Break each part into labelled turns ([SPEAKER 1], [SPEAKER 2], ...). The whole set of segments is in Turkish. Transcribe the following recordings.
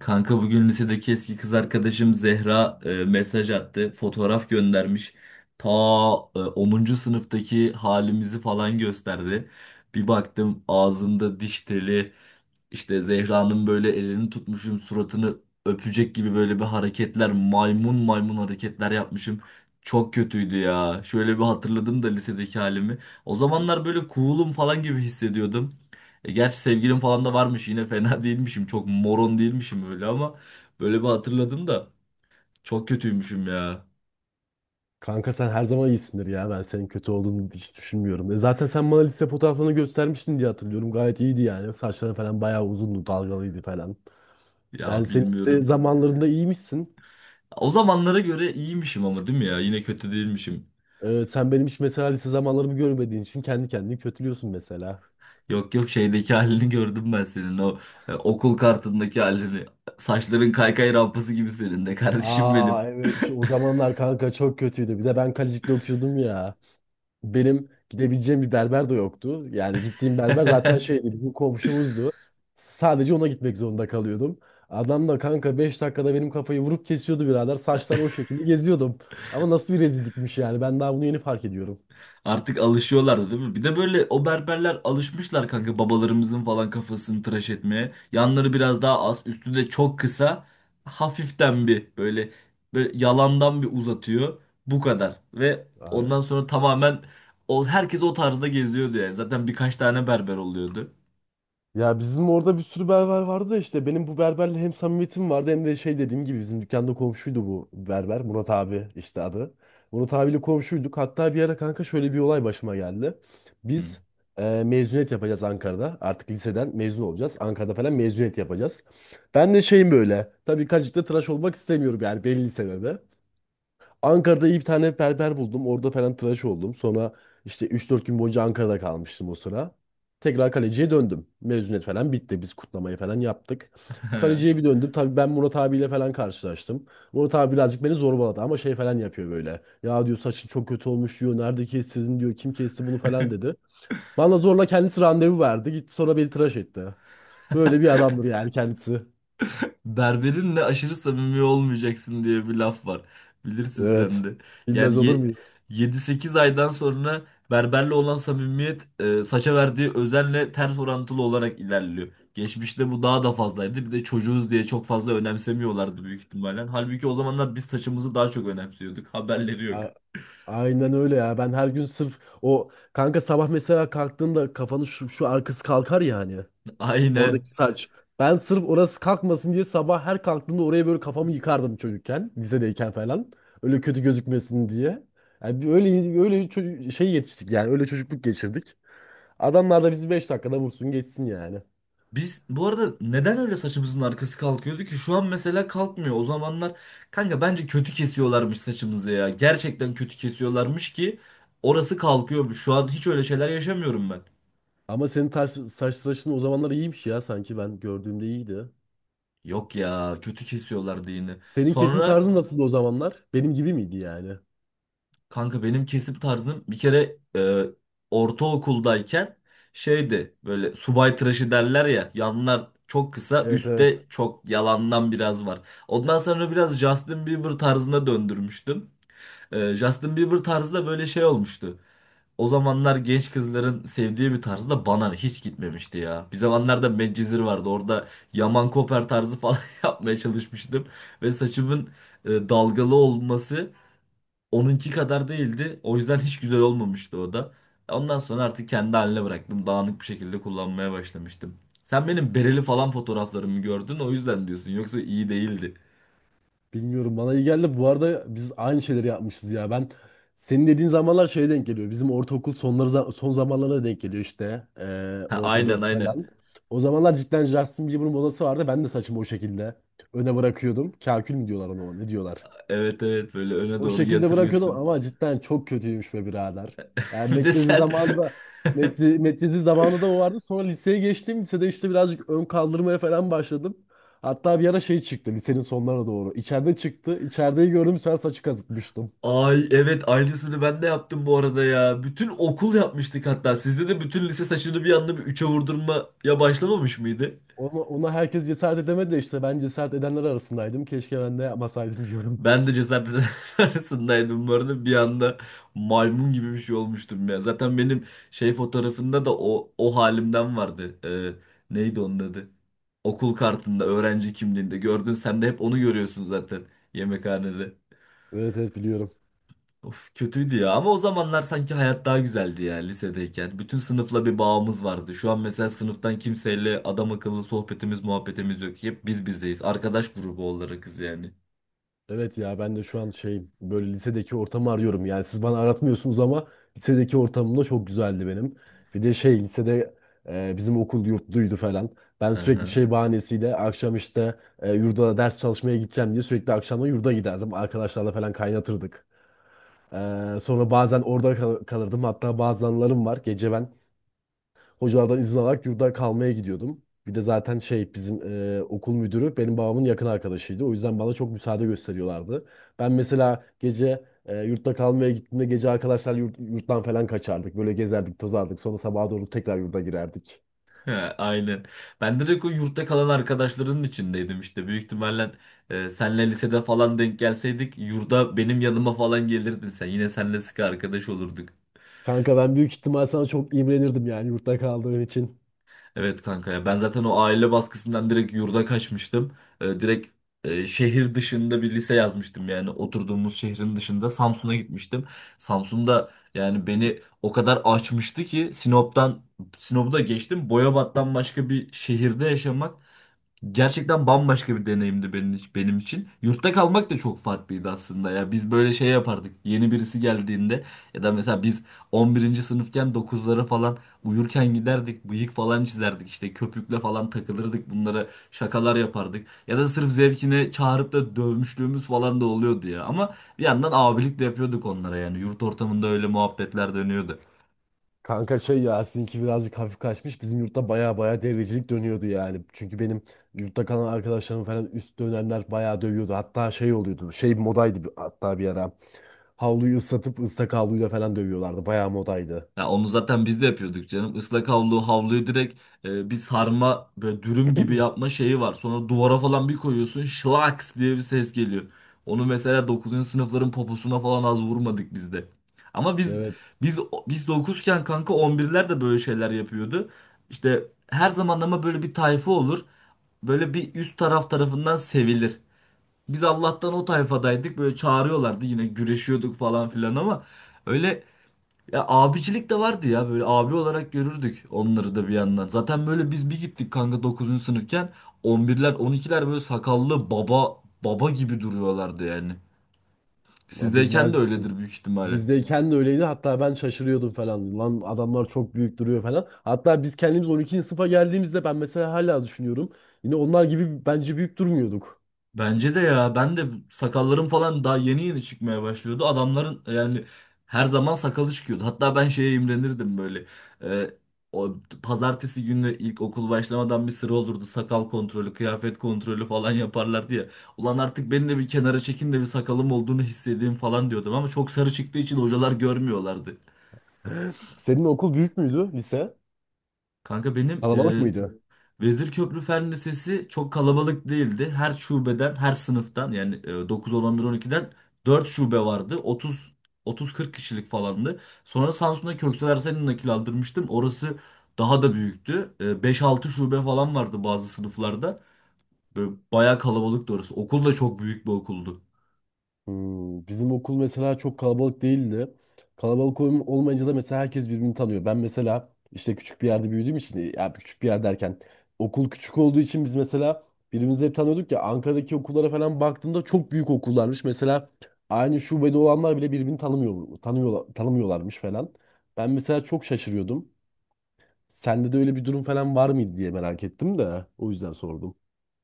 [SPEAKER 1] Kanka bugün lisedeki eski kız arkadaşım Zehra mesaj attı. Fotoğraf göndermiş. Ta 10. sınıftaki halimizi falan gösterdi. Bir baktım ağzımda diş teli. İşte Zehra'nın böyle elini tutmuşum, suratını öpecek gibi böyle bir hareketler, maymun maymun hareketler yapmışım. Çok kötüydü ya. Şöyle bir hatırladım da lisedeki halimi. O zamanlar böyle cool'um falan gibi hissediyordum. E gerçi sevgilim falan da varmış yine fena değilmişim. Çok moron değilmişim öyle ama böyle bir hatırladım da çok kötüymüşüm ya.
[SPEAKER 2] Kanka sen her zaman iyisindir ya. Ben senin kötü olduğunu hiç düşünmüyorum. E zaten sen bana lise fotoğraflarını göstermiştin diye hatırlıyorum. Gayet iyiydi yani. Saçların falan bayağı uzundu, dalgalıydı falan. Yani
[SPEAKER 1] Ya
[SPEAKER 2] senin lise
[SPEAKER 1] bilmiyorum.
[SPEAKER 2] zamanlarında iyiymişsin.
[SPEAKER 1] O zamanlara göre iyiymişim ama değil mi ya? Yine kötü değilmişim.
[SPEAKER 2] E, sen benim hiç mesela lise zamanlarımı görmediğin için kendi kendini kötülüyorsun mesela.
[SPEAKER 1] Yok yok şeydeki halini gördüm ben senin o okul kartındaki halini. Saçların kaykay rampası gibi senin de kardeşim benim.
[SPEAKER 2] Aa evet o zamanlar kanka çok kötüydü. Bir de ben Kalecik'te okuyordum ya. Benim gidebileceğim bir berber de yoktu. Yani gittiğim berber zaten şeydi bizim komşumuzdu. Sadece ona gitmek zorunda kalıyordum. Adam da kanka 5 dakikada benim kafayı vurup kesiyordu birader. Saçlar o şekilde geziyordum. Ama nasıl bir rezillikmiş yani. Ben daha bunu yeni fark ediyorum.
[SPEAKER 1] Artık alışıyorlardı değil mi? Bir de böyle o berberler alışmışlar kanka babalarımızın falan kafasını tıraş etmeye. Yanları biraz daha az, üstü de çok kısa. Hafiften bir böyle yalandan bir uzatıyor. Bu kadar. Ve ondan sonra tamamen herkes o tarzda geziyordu yani. Zaten birkaç tane berber oluyordu.
[SPEAKER 2] Ya bizim orada bir sürü berber vardı da işte benim bu berberle hem samimiyetim vardı hem de şey dediğim gibi bizim dükkanda komşuydu bu berber Murat abi işte adı. Murat abiyle komşuyduk hatta bir ara kanka şöyle bir olay başıma geldi. Biz mezuniyet yapacağız Ankara'da, artık liseden mezun olacağız Ankara'da falan mezuniyet yapacağız. Ben de şeyim böyle, tabii kaçıkta tıraş olmak istemiyorum yani, belli sebebi. Ankara'da iyi bir tane berber buldum. Orada falan tıraş oldum. Sonra işte 3-4 gün boyunca Ankara'da kalmıştım o sıra. Tekrar Kaleci'ye döndüm. Mezuniyet falan bitti. Biz kutlamayı falan yaptık.
[SPEAKER 1] Hı.
[SPEAKER 2] Kaleci'ye bir döndüm. Tabii ben Murat abiyle falan karşılaştım. Murat abi birazcık beni zorbaladı ama şey falan yapıyor böyle. Ya diyor, saçın çok kötü olmuş diyor. Nerede kestirdin diyor. Kim kesti bunu falan dedi. Bana zorla kendisi randevu verdi. Gitti sonra beni tıraş etti. Böyle bir adamdır yani kendisi.
[SPEAKER 1] Berberinle aşırı samimi olmayacaksın diye bir laf var. Bilirsin sen
[SPEAKER 2] Evet.
[SPEAKER 1] de.
[SPEAKER 2] Bilmez
[SPEAKER 1] Yani
[SPEAKER 2] olur muyum?
[SPEAKER 1] 7-8 aydan sonra berberle olan samimiyet saça verdiği özenle ters orantılı olarak ilerliyor. Geçmişte bu daha da fazlaydı. Bir de çocuğuz diye çok fazla önemsemiyorlardı büyük ihtimalle. Halbuki o zamanlar biz saçımızı daha çok önemsiyorduk. Haberleri yok.
[SPEAKER 2] Aynen öyle ya. Ben her gün sırf o kanka, sabah mesela kalktığında kafanın şu arkası kalkar yani.
[SPEAKER 1] Aynen.
[SPEAKER 2] Oradaki saç. Ben sırf orası kalkmasın diye sabah her kalktığımda oraya böyle kafamı yıkardım çocukken. Lisedeyken falan. Öyle kötü gözükmesin diye. Yani bir öyle öyle şey yetiştik yani. Öyle çocukluk geçirdik. Adamlar da bizi 5 dakikada vursun geçsin yani.
[SPEAKER 1] Biz bu arada neden öyle saçımızın arkası kalkıyordu ki? Şu an mesela kalkmıyor. O zamanlar kanka bence kötü kesiyorlarmış saçımızı ya. Gerçekten kötü kesiyorlarmış ki orası kalkıyormuş. Şu an hiç öyle şeyler yaşamıyorum ben.
[SPEAKER 2] Ama senin saç tıraşın o zamanlar iyiymiş ya, sanki ben gördüğümde iyiydi.
[SPEAKER 1] Yok ya kötü kesiyorlardı yine.
[SPEAKER 2] Senin kesim
[SPEAKER 1] Sonra
[SPEAKER 2] tarzın nasıldı o zamanlar? Benim gibi miydi yani?
[SPEAKER 1] kanka benim kesim tarzım bir kere ortaokuldayken şeydi böyle subay tıraşı derler ya yanlar çok kısa
[SPEAKER 2] Evet, evet.
[SPEAKER 1] üstte çok yalandan biraz var. Ondan sonra biraz Justin Bieber tarzına döndürmüştüm. Justin Bieber tarzı da böyle şey olmuştu. O zamanlar genç kızların sevdiği bir tarzı da bana hiç gitmemişti ya. Bir zamanlarda Medcezir vardı. Orada Yaman Koper tarzı falan yapmaya çalışmıştım. Ve saçımın dalgalı olması onunki kadar değildi. O yüzden hiç güzel olmamıştı o da. Ondan sonra artık kendi haline bıraktım. Dağınık bir şekilde kullanmaya başlamıştım. Sen benim bereli falan fotoğraflarımı gördün o yüzden diyorsun. Yoksa iyi değildi.
[SPEAKER 2] Bilmiyorum, bana iyi geldi. Bu arada biz aynı şeyleri yapmışız ya. Ben senin dediğin zamanlar şeye denk geliyor. Bizim ortaokul sonları son zamanlarına denk geliyor işte.
[SPEAKER 1] Ha,
[SPEAKER 2] Orta
[SPEAKER 1] aynen
[SPEAKER 2] dört
[SPEAKER 1] aynen.
[SPEAKER 2] falan. O zamanlar cidden Justin Bieber'ın modası vardı. Ben de saçımı o şekilde öne bırakıyordum. Kakül mü diyorlar ona? Ne diyorlar?
[SPEAKER 1] Evet evet böyle öne
[SPEAKER 2] O
[SPEAKER 1] doğru
[SPEAKER 2] şekilde bırakıyordum
[SPEAKER 1] yatırıyorsun.
[SPEAKER 2] ama cidden çok kötüymüş be birader. Yani
[SPEAKER 1] Bir de
[SPEAKER 2] Medcezir
[SPEAKER 1] sen
[SPEAKER 2] zamanında Medcezir zamanında da o vardı. Sonra liseye geçtim. Lisede işte birazcık ön kaldırmaya falan başladım. Hatta bir ara şey çıktı lisenin sonlarına doğru. İçeride çıktı. İçerideyi gördüm, sen saçı kazıtmıştım.
[SPEAKER 1] ay evet aynısını ben de yaptım bu arada ya. Bütün okul yapmıştık hatta. Sizde de bütün lise saçını bir anda bir üçe vurdurmaya başlamamış mıydı?
[SPEAKER 2] Ona herkes cesaret edemedi de işte ben cesaret edenler arasındaydım. Keşke ben de yapmasaydım diyorum.
[SPEAKER 1] Ben de cezaevleri arasındaydım bu arada. Bir anda maymun gibi bir şey olmuştum ya. Zaten benim şey fotoğrafında da o halimden vardı. Neydi onun adı? Okul kartında, öğrenci kimliğinde gördün. Sen de hep onu görüyorsun zaten yemekhanede.
[SPEAKER 2] Evet, evet, biliyorum.
[SPEAKER 1] Of, kötüydü ya ama o zamanlar sanki hayat daha güzeldi ya lisedeyken. Bütün sınıfla bir bağımız vardı. Şu an mesela sınıftan kimseyle adam akıllı sohbetimiz muhabbetimiz yok. Hep biz bizdeyiz. Arkadaş grubu olarakız yani.
[SPEAKER 2] Evet ya, ben de şu an şey böyle lisedeki ortamı arıyorum. Yani siz bana aratmıyorsunuz ama lisedeki ortamım da çok güzeldi benim. Bir de şey lisede bizim okul yurtluydu falan. Ben
[SPEAKER 1] Hı
[SPEAKER 2] sürekli
[SPEAKER 1] hı.
[SPEAKER 2] şey bahanesiyle akşam işte yurda ders çalışmaya gideceğim diye sürekli akşamda yurda giderdim. Arkadaşlarla falan kaynatırdık. E, sonra bazen orada kalırdım. Hatta bazı anılarım var. Gece ben hocalardan izin alarak yurda kalmaya gidiyordum. Bir de zaten şey bizim okul müdürü benim babamın yakın arkadaşıydı. O yüzden bana çok müsaade gösteriyorlardı. Ben mesela gece yurtta kalmaya gittiğimde gece arkadaşlar yurttan falan kaçardık. Böyle gezerdik, tozardık. Sonra sabaha doğru tekrar yurda girerdik.
[SPEAKER 1] Ha, aynen. Ben direkt o yurtta kalan arkadaşların içindeydim işte. Büyük ihtimalle senle lisede falan denk gelseydik yurda benim yanıma falan gelirdin sen. Yine senle sıkı arkadaş olurduk.
[SPEAKER 2] Kanka ben büyük ihtimal sana çok imrenirdim yani, yurtta kaldığın için.
[SPEAKER 1] Evet kanka ya ben zaten o aile baskısından direkt yurda kaçmıştım. Direkt şehir dışında bir lise yazmıştım yani oturduğumuz şehrin dışında Samsun'a gitmiştim. Samsun'da yani beni o kadar açmıştı ki Sinop'u da geçtim. Boyabat'tan başka bir şehirde yaşamak gerçekten bambaşka bir deneyimdi benim için. Yurtta kalmak da çok farklıydı aslında ya. Biz böyle şey yapardık. Yeni birisi geldiğinde ya da mesela biz 11. sınıfken 9'lara falan uyurken giderdik. Bıyık falan çizerdik. İşte köpükle falan takılırdık. Bunlara şakalar yapardık. Ya da sırf zevkine çağırıp da dövmüşlüğümüz falan da oluyordu ya. Ama bir yandan abilik de yapıyorduk onlara yani. Yurt ortamında öyle muhabbetler dönüyordu.
[SPEAKER 2] Kanka şey ya, sizinki birazcık hafif kaçmış. Bizim yurtta baya baya devrecilik dönüyordu yani. Çünkü benim yurtta kalan arkadaşlarım falan üst dönemler baya dövüyordu. Hatta şey oluyordu. Şey modaydı hatta bir ara. Havluyu ıslatıp ıslak havluyla falan dövüyorlardı. Baya modaydı.
[SPEAKER 1] Ya onu zaten biz de yapıyorduk canım. Havluyu direkt bir sarma böyle dürüm gibi yapma şeyi var. Sonra duvara falan bir koyuyorsun şlaks diye bir ses geliyor. Onu mesela dokuzuncu sınıfların poposuna falan az vurmadık biz de. Ama
[SPEAKER 2] Evet,
[SPEAKER 1] biz biz dokuzken kanka 11'ler de böyle şeyler yapıyordu. İşte her zaman ama böyle bir tayfa olur. Böyle bir üst taraf tarafından sevilir. Biz Allah'tan o tayfadaydık. Böyle çağırıyorlardı yine güreşiyorduk falan filan ama öyle ya abicilik de vardı ya böyle abi olarak görürdük onları da bir yandan. Zaten böyle biz bir gittik kanka 9. sınıfken 11'ler 12'ler böyle sakallı baba baba gibi duruyorlardı yani. Sizdeyken
[SPEAKER 2] bilmez
[SPEAKER 1] de
[SPEAKER 2] miyim?
[SPEAKER 1] öyledir büyük ihtimalle.
[SPEAKER 2] Bizdeyken de öyleydi. Hatta ben şaşırıyordum falan. Lan adamlar çok büyük duruyor falan. Hatta biz kendimiz 12. sınıfa geldiğimizde ben mesela hala düşünüyorum. Yine onlar gibi bence büyük durmuyorduk.
[SPEAKER 1] Bence de ya ben de sakallarım falan daha yeni yeni çıkmaya başlıyordu. Adamların yani her zaman sakalı çıkıyordu. Hatta ben şeye imrenirdim böyle. Ee, o pazartesi günü ilk okul başlamadan bir sıra olurdu. Sakal kontrolü, kıyafet kontrolü falan yaparlardı ya. Ulan artık beni de bir kenara çekin de bir sakalım olduğunu hissedeyim falan diyordum ama çok sarı çıktığı için hocalar görmüyorlardı.
[SPEAKER 2] Senin okul büyük müydü lise?
[SPEAKER 1] Kanka benim
[SPEAKER 2] Kalabalık mıydı?
[SPEAKER 1] Vezirköprü Fen Lisesi çok kalabalık değildi. Her şubeden, her sınıftan yani 9, 10, 11, 12'den 4 şube vardı. 30 30-40 kişilik falandı. Sonra Samsun'da Köksal Ersen'i nakil aldırmıştım. Orası daha da büyüktü. E, 5-6 şube falan vardı bazı sınıflarda. Böyle bayağı kalabalıktı orası. Okul da çok büyük bir okuldu.
[SPEAKER 2] Hmm, bizim okul mesela çok kalabalık değildi. Olmayınca da mesela herkes birbirini tanıyor. Ben mesela işte küçük bir yerde büyüdüğüm için, ya küçük bir yer derken, okul küçük olduğu için biz mesela birbirimizi hep tanıyorduk ya. Ankara'daki okullara falan baktığımda çok büyük okullarmış. Mesela aynı şubede olanlar bile birbirini tanımıyorlarmış falan. Ben mesela çok şaşırıyordum. Sende de öyle bir durum falan var mıydı diye merak ettim de o yüzden sordum.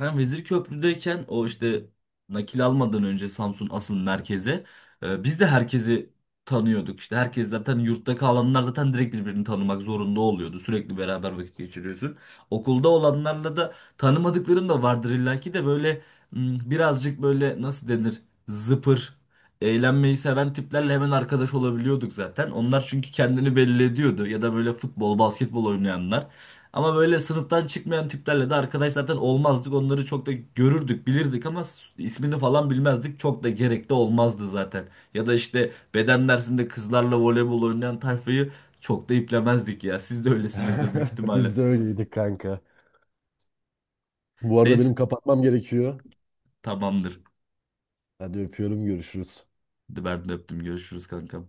[SPEAKER 1] Ben Vezirköprü'deyken o işte nakil almadan önce Samsun asıl merkeze biz de herkesi tanıyorduk. İşte herkes zaten yurtta kalanlar zaten direkt birbirini tanımak zorunda oluyordu. Sürekli beraber vakit geçiriyorsun. Okulda olanlarla da tanımadıkların da vardır illaki de böyle m, birazcık böyle nasıl denir zıpır eğlenmeyi seven tiplerle hemen arkadaş olabiliyorduk zaten. Onlar çünkü kendini belli ediyordu ya da böyle futbol, basketbol oynayanlar. Ama böyle sınıftan çıkmayan tiplerle de arkadaş zaten olmazdık. Onları çok da görürdük, bilirdik ama ismini falan bilmezdik. Çok da gerekli olmazdı zaten. Ya da işte beden dersinde kızlarla voleybol oynayan tayfayı çok da iplemezdik ya. Siz de öylesinizdir büyük ihtimalle.
[SPEAKER 2] Biz de öyleydik kanka. Bu arada
[SPEAKER 1] Neyse
[SPEAKER 2] benim kapatmam gerekiyor.
[SPEAKER 1] tamamdır.
[SPEAKER 2] Hadi, öpüyorum, görüşürüz.
[SPEAKER 1] Hadi ben de öptüm. Görüşürüz kanka.